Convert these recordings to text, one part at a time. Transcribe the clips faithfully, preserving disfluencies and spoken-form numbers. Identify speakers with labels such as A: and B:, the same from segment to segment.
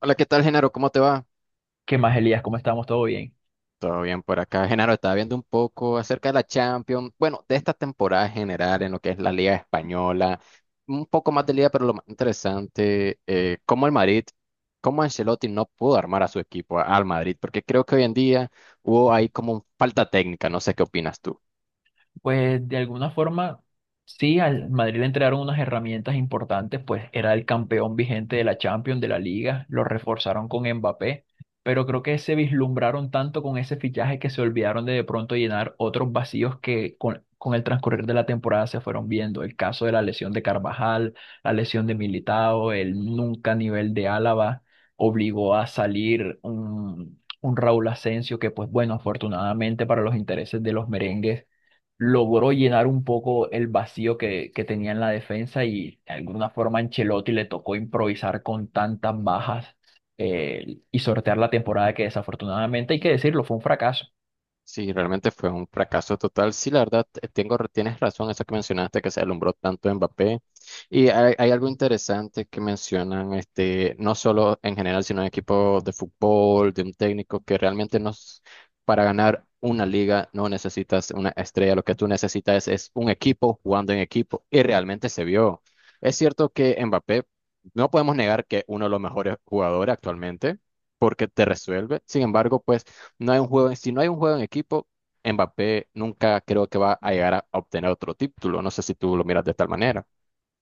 A: Hola, ¿qué tal, Genaro? ¿Cómo te va?
B: ¿Qué más, Elías? ¿Cómo estamos? ¿Todo bien?
A: Todo bien por acá. Genaro, estaba viendo un poco acerca de la Champions, bueno, de esta temporada en general en lo que es la Liga Española, un poco más de Liga, pero lo más interesante, eh, cómo el Madrid, cómo Ancelotti no pudo armar a su equipo, a- al Madrid, porque creo que hoy en día hubo ahí como un falta técnica, no sé qué opinas tú.
B: Pues de alguna forma, sí, al Madrid le entregaron unas herramientas importantes, pues era el campeón vigente de la Champions, de la Liga, lo reforzaron con Mbappé, pero creo que se vislumbraron tanto con ese fichaje que se olvidaron de de pronto llenar otros vacíos que con, con el transcurrir de la temporada se fueron viendo. El caso de la lesión de Carvajal, la lesión de Militao, el nunca nivel de Álava, obligó a salir un, un Raúl Asensio que, pues bueno, afortunadamente para los intereses de los merengues logró llenar un poco el vacío que, que tenía en la defensa y de alguna forma Ancelotti le tocó improvisar con tantas bajas eh, y sortear la temporada que desafortunadamente, hay que decirlo, fue un fracaso.
A: Sí, realmente fue un fracaso total. Sí, la verdad, te- tengo, tienes razón, eso que mencionaste, que se alumbró tanto Mbappé. Y hay, hay algo interesante que mencionan, este, no solo en general, sino en equipos de fútbol, de un técnico que realmente nos, para ganar una liga no necesitas una estrella, lo que tú necesitas es un equipo jugando en equipo. Y realmente se vio. Es cierto que Mbappé, no podemos negar que uno de los mejores jugadores actualmente, porque te resuelve. Sin embargo, pues no hay un juego, si no hay un juego en equipo, Mbappé nunca creo que va a llegar a a obtener otro título. No sé si tú lo miras de tal manera.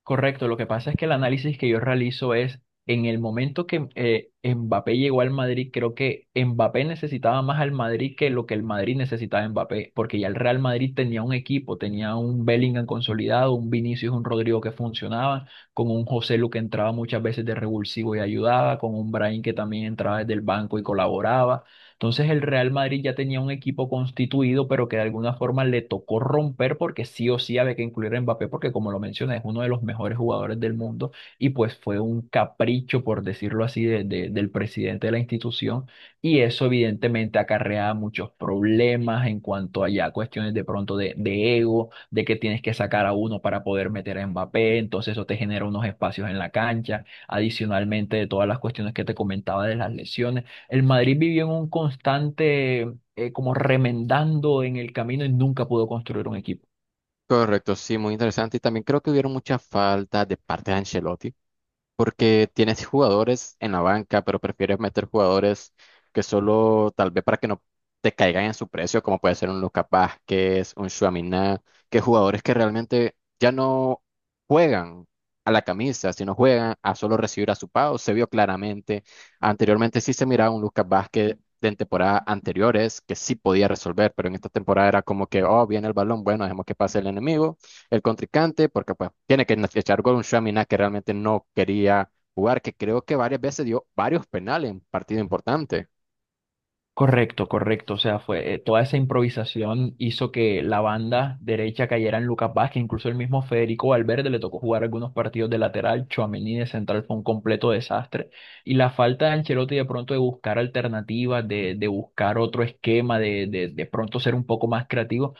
B: Correcto, lo que pasa es que el análisis que yo realizo es en el momento que eh, Mbappé llegó al Madrid, creo que Mbappé necesitaba más al Madrid que lo que el Madrid necesitaba a Mbappé, porque ya el Real Madrid tenía un equipo, tenía un Bellingham consolidado, un Vinicius, un Rodrigo que funcionaban, con un José Lu que entraba muchas veces de revulsivo y ayudaba, con un Brahim que también entraba desde el banco y colaboraba. Entonces el Real Madrid ya tenía un equipo constituido, pero que de alguna forma le tocó romper porque sí o sí había que incluir a Mbappé, porque como lo mencioné, es uno de los mejores jugadores del mundo y pues fue un capricho, por decirlo así, de- de- del presidente de la institución y eso evidentemente acarrea muchos problemas en cuanto a ya cuestiones de pronto de, de ego, de que tienes que sacar a uno para poder meter a Mbappé, entonces eso te genera unos espacios en la cancha, adicionalmente de todas las cuestiones que te comentaba de las lesiones. El Madrid vivió en un constante, eh, como remendando en el camino y nunca pudo construir un equipo.
A: Correcto, sí, muy interesante. Y también creo que hubieron muchas faltas de parte de Ancelotti, porque tienes jugadores en la banca, pero prefieres meter jugadores que solo tal vez para que no te caigan en su precio, como puede ser un Lucas Vázquez, un Tchouaméni, que jugadores que realmente ya no juegan a la camisa, sino juegan a solo recibir a su pago. Se vio claramente. Anteriormente sí se miraba un Lucas Vázquez de temporadas anteriores que sí podía resolver, pero en esta temporada era como que, oh, viene el balón, bueno, dejemos que pase el enemigo, el contrincante, porque pues tiene que echar gol un Shamina que realmente no quería jugar, que creo que varias veces dio varios penales en partido importante.
B: Correcto, correcto. O sea, fue eh, toda esa improvisación hizo que la banda derecha cayera en Lucas Vázquez, incluso el mismo Federico Valverde le tocó jugar algunos partidos de lateral, Tchouaméni de central fue un completo desastre. Y la falta de Ancelotti de pronto de buscar alternativas, de, de buscar otro esquema, de, de, de pronto ser un poco más creativo.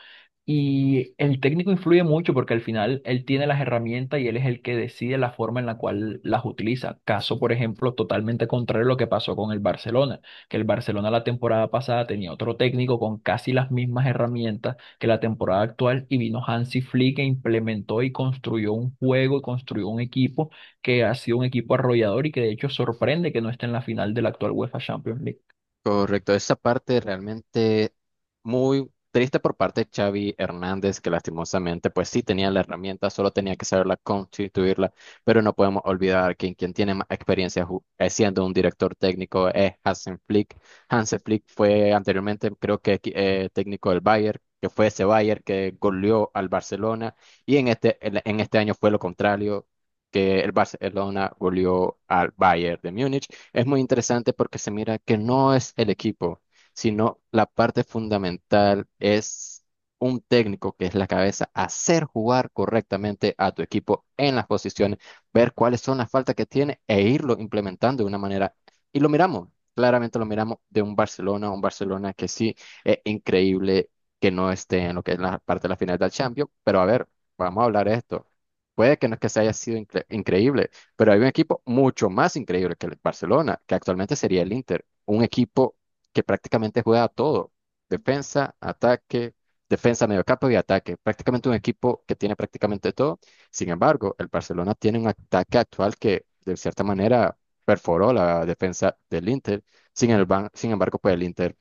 B: Y el técnico influye mucho porque al final él tiene las herramientas y él es el que decide la forma en la cual las utiliza. Caso, por ejemplo, totalmente contrario a lo que pasó con el Barcelona que el Barcelona la temporada pasada tenía otro técnico con casi las mismas herramientas que la temporada actual y vino Hansi Flick e implementó y construyó un juego y construyó un equipo que ha sido un equipo arrollador y que de hecho sorprende que no esté en la final de la actual UEFA Champions League.
A: Correcto, esa parte realmente muy triste por parte de Xavi Hernández, que lastimosamente, pues sí tenía la herramienta, solo tenía que saberla constituirla, pero no podemos olvidar que quien tiene más experiencia ju- eh, siendo un director técnico es Hansen Flick. Hansen Flick fue anteriormente, creo que equi- eh, técnico del Bayern, que fue ese Bayern que goleó al Barcelona, y en este, en en este año fue lo contrario, que el Barcelona goleó al Bayern de Múnich. Es muy interesante porque se mira que no es el equipo, sino la parte fundamental es un técnico que es la cabeza, hacer jugar correctamente a tu equipo en las posiciones, ver cuáles son las faltas que tiene e irlo implementando de una manera. Y lo miramos, claramente lo miramos de un Barcelona, un Barcelona que sí es increíble que no esté en lo que es la parte de la final del Champions, pero a ver, vamos a hablar de esto. Puede que no es que se haya sido incre- increíble. Pero hay un equipo mucho más increíble que el Barcelona, que actualmente sería el Inter, un equipo que prácticamente juega a todo, defensa, ataque, defensa, mediocampo y ataque, prácticamente un equipo que tiene prácticamente todo. Sin embargo, el Barcelona tiene un ataque actual que de cierta manera perforó la defensa del Inter. Sin el ban- sin embargo, pues el Inter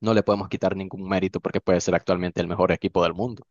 A: no le podemos quitar ningún mérito porque puede ser actualmente el mejor equipo del mundo.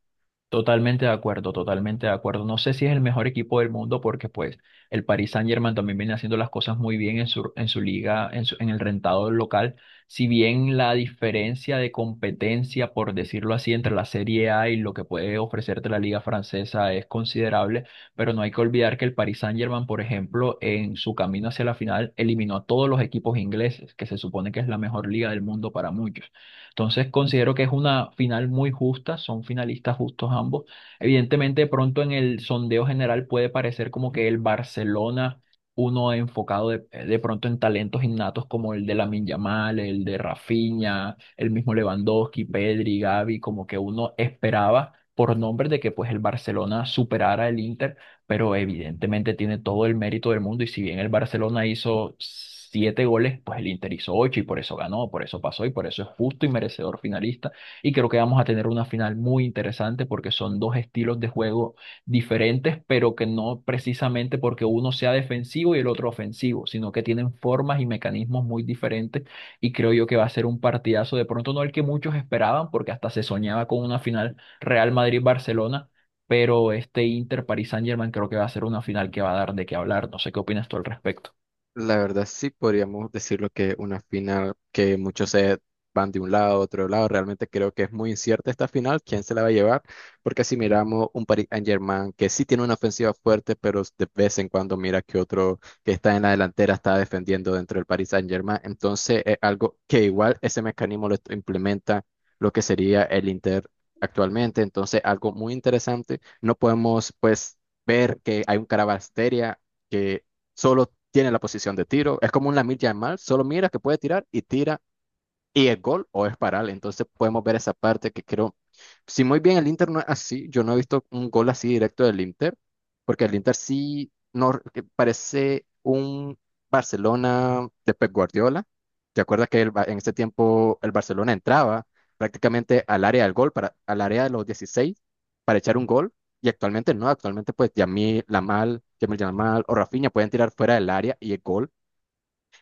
B: Totalmente de acuerdo, totalmente de acuerdo. No sé si es el mejor equipo del mundo porque pues el Paris Saint-Germain también viene haciendo las cosas muy bien en su, en su liga, en su- en el rentado local. Si bien la diferencia de competencia, por decirlo así, entre la Serie A y lo que puede ofrecerte la liga francesa es considerable, pero no hay que olvidar que el Paris Saint-Germain, por ejemplo, en su camino hacia la final eliminó a todos los equipos ingleses, que se supone que es la mejor liga del mundo para muchos. Entonces considero que es una final muy justa, son finalistas justos ambos. Evidentemente, de pronto en el sondeo general puede parecer como que el Barcelona, uno enfocado de, de pronto en talentos innatos como el de Lamine Yamal, el de Rafinha, el mismo Lewandowski, Pedri, Gavi, como que uno esperaba por nombres de que pues el Barcelona superara el Inter, pero evidentemente tiene todo el mérito del mundo y si bien el Barcelona hizo siete goles, pues el Inter hizo ocho y por eso ganó, por eso pasó y por eso es justo y merecedor finalista. Y creo que vamos a tener una final muy interesante porque son dos estilos de juego diferentes, pero que no precisamente porque uno sea defensivo y el otro ofensivo, sino que tienen formas y mecanismos muy diferentes y creo yo que va a ser un partidazo, de pronto no el que muchos esperaban porque hasta se soñaba con una final Real Madrid-Barcelona, pero este Inter París Saint-Germain creo que va a ser una final que va a dar de qué hablar. No sé qué opinas tú al respecto.
A: La verdad sí podríamos decirlo que una final que muchos se van de un lado a otro lado, realmente creo que es muy incierta esta final, quién se la va a llevar, porque si miramos un Paris Saint-Germain que sí tiene una ofensiva fuerte, pero de vez en cuando mira que otro que está en la delantera está defendiendo dentro del Paris Saint-Germain, entonces es algo que igual ese mecanismo lo implementa lo que sería el Inter actualmente, entonces algo muy interesante, no podemos pues ver que hay un Caravasteria solo tiene la posición de tiro. Es como un Lamine Yamal, solo mira que puede tirar y tira y es gol o es paral. Entonces podemos ver esa parte que creo, si muy bien el Inter no es así, yo no he visto un gol así directo del Inter, porque el Inter sí no, que parece un Barcelona de Pep Guardiola. ¿Te acuerdas que el Ba- en ese tiempo el Barcelona entraba prácticamente al área del gol, para, al área de los dieciséis para echar un gol? Y actualmente no, actualmente pues Yamil Lamal, Yamil Lamal o Rafinha pueden tirar fuera del área y el gol.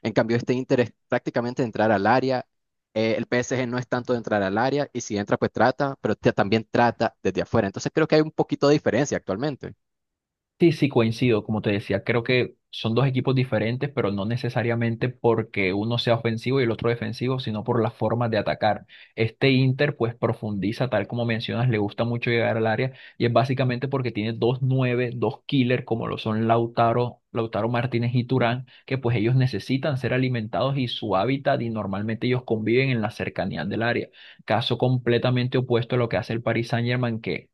A: En cambio, este Inter es prácticamente entrar al área. Eh, el P S G no es tanto de entrar al área y si entra, pues trata, pero te- también trata desde afuera. Entonces creo que hay un poquito de diferencia actualmente.
B: Sí, sí, coincido, como te decía, creo que son dos equipos diferentes, pero no necesariamente porque uno sea ofensivo y el otro defensivo, sino por las formas de atacar. Este Inter pues profundiza, tal como mencionas, le gusta mucho llegar al área y es básicamente porque tiene dos nueve, dos killer como lo son Lautaro, Lautaro Martínez y Turán, que pues ellos necesitan ser alimentados y su hábitat y normalmente ellos conviven en la cercanía del área. Caso completamente opuesto a lo que hace el Paris Saint-Germain, que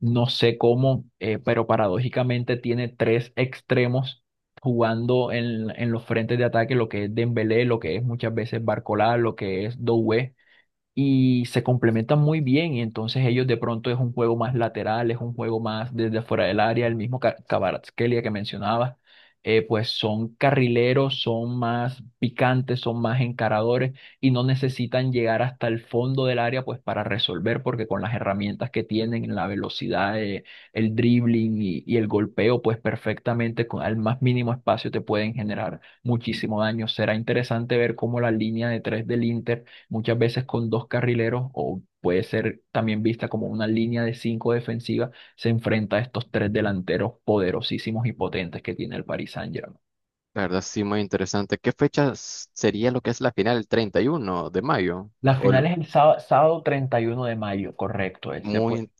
B: no sé cómo, eh, pero paradójicamente tiene tres extremos jugando en, en los frentes de ataque, lo que es Dembélé, lo que es muchas veces Barcola, lo que es Doué y se complementan muy bien y entonces ellos de pronto es un juego más lateral, es un juego más desde fuera del área, el mismo Ca- Kvaratskhelia que mencionabas, eh, pues son carrileros, son más picantes, son más encaradores y no necesitan llegar hasta el fondo del área pues para resolver porque con las herramientas que tienen, la velocidad, eh, el dribbling y, y el golpeo pues perfectamente con al más mínimo espacio te pueden generar muchísimo daño. Será interesante ver cómo la línea de tres del Inter muchas veces con dos carrileros o puede ser también vista como una línea de cinco defensiva, se enfrenta a estos tres delanteros poderosísimos y potentes que tiene el Paris Saint-Germain.
A: La verdad, sí, muy interesante. ¿Qué fecha s- sería lo que es la final? ¿El treinta y uno de mayo?
B: La
A: O el-
B: final es el sá- sábado, treinta y uno de mayo, correcto. Ese fue.
A: Muy,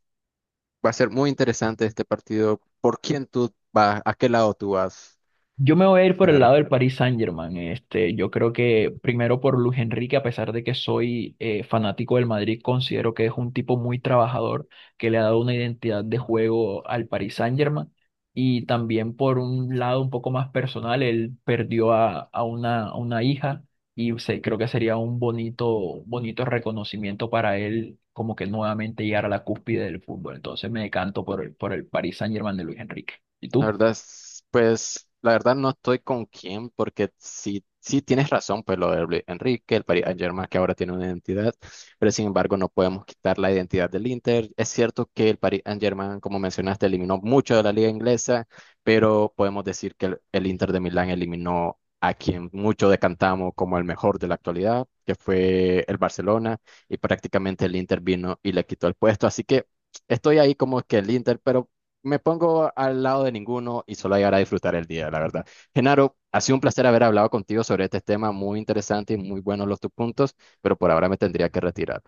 A: va a ser muy interesante este partido. ¿Por quién tú vas? ¿A qué lado tú vas,
B: Yo me voy a ir por el
A: Genaro?
B: lado del Paris Saint-Germain. Este, yo creo que primero por Luis Enrique, a pesar de que soy eh, fanático del Madrid, considero que es un tipo muy trabajador que le ha dado una identidad de juego al Paris Saint-Germain. Y también por un lado un poco más personal, él perdió a, a una, a una hija y se- creo que sería un bonito, bonito reconocimiento para él, como que nuevamente llegar a la cúspide del fútbol. Entonces me decanto por el, por el Paris Saint-Germain de Luis Enrique. ¿Y
A: La
B: tú?
A: verdad es, pues, la verdad no estoy con quién, porque sí, sí tienes razón, pues lo de Luis Enrique, el Paris Saint-Germain que ahora tiene una identidad, pero sin embargo no podemos quitar la identidad del Inter. Es cierto que el Paris Saint-Germain, como mencionaste, eliminó mucho de la liga inglesa, pero podemos decir que el, el Inter de Milán eliminó a quien mucho decantamos como el mejor de la actualidad, que fue el Barcelona, y prácticamente el Inter vino y le quitó el puesto. Así que estoy ahí como que el Inter, pero me pongo al lado de ninguno y solo llegar a disfrutar el día, la verdad. Genaro, ha sido un placer haber hablado contigo sobre este tema muy interesante y muy buenos los tus puntos, pero por ahora me tendría que retirar.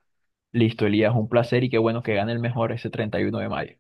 B: Listo, Elías, un placer y qué bueno que gane el mejor ese treinta y uno de mayo.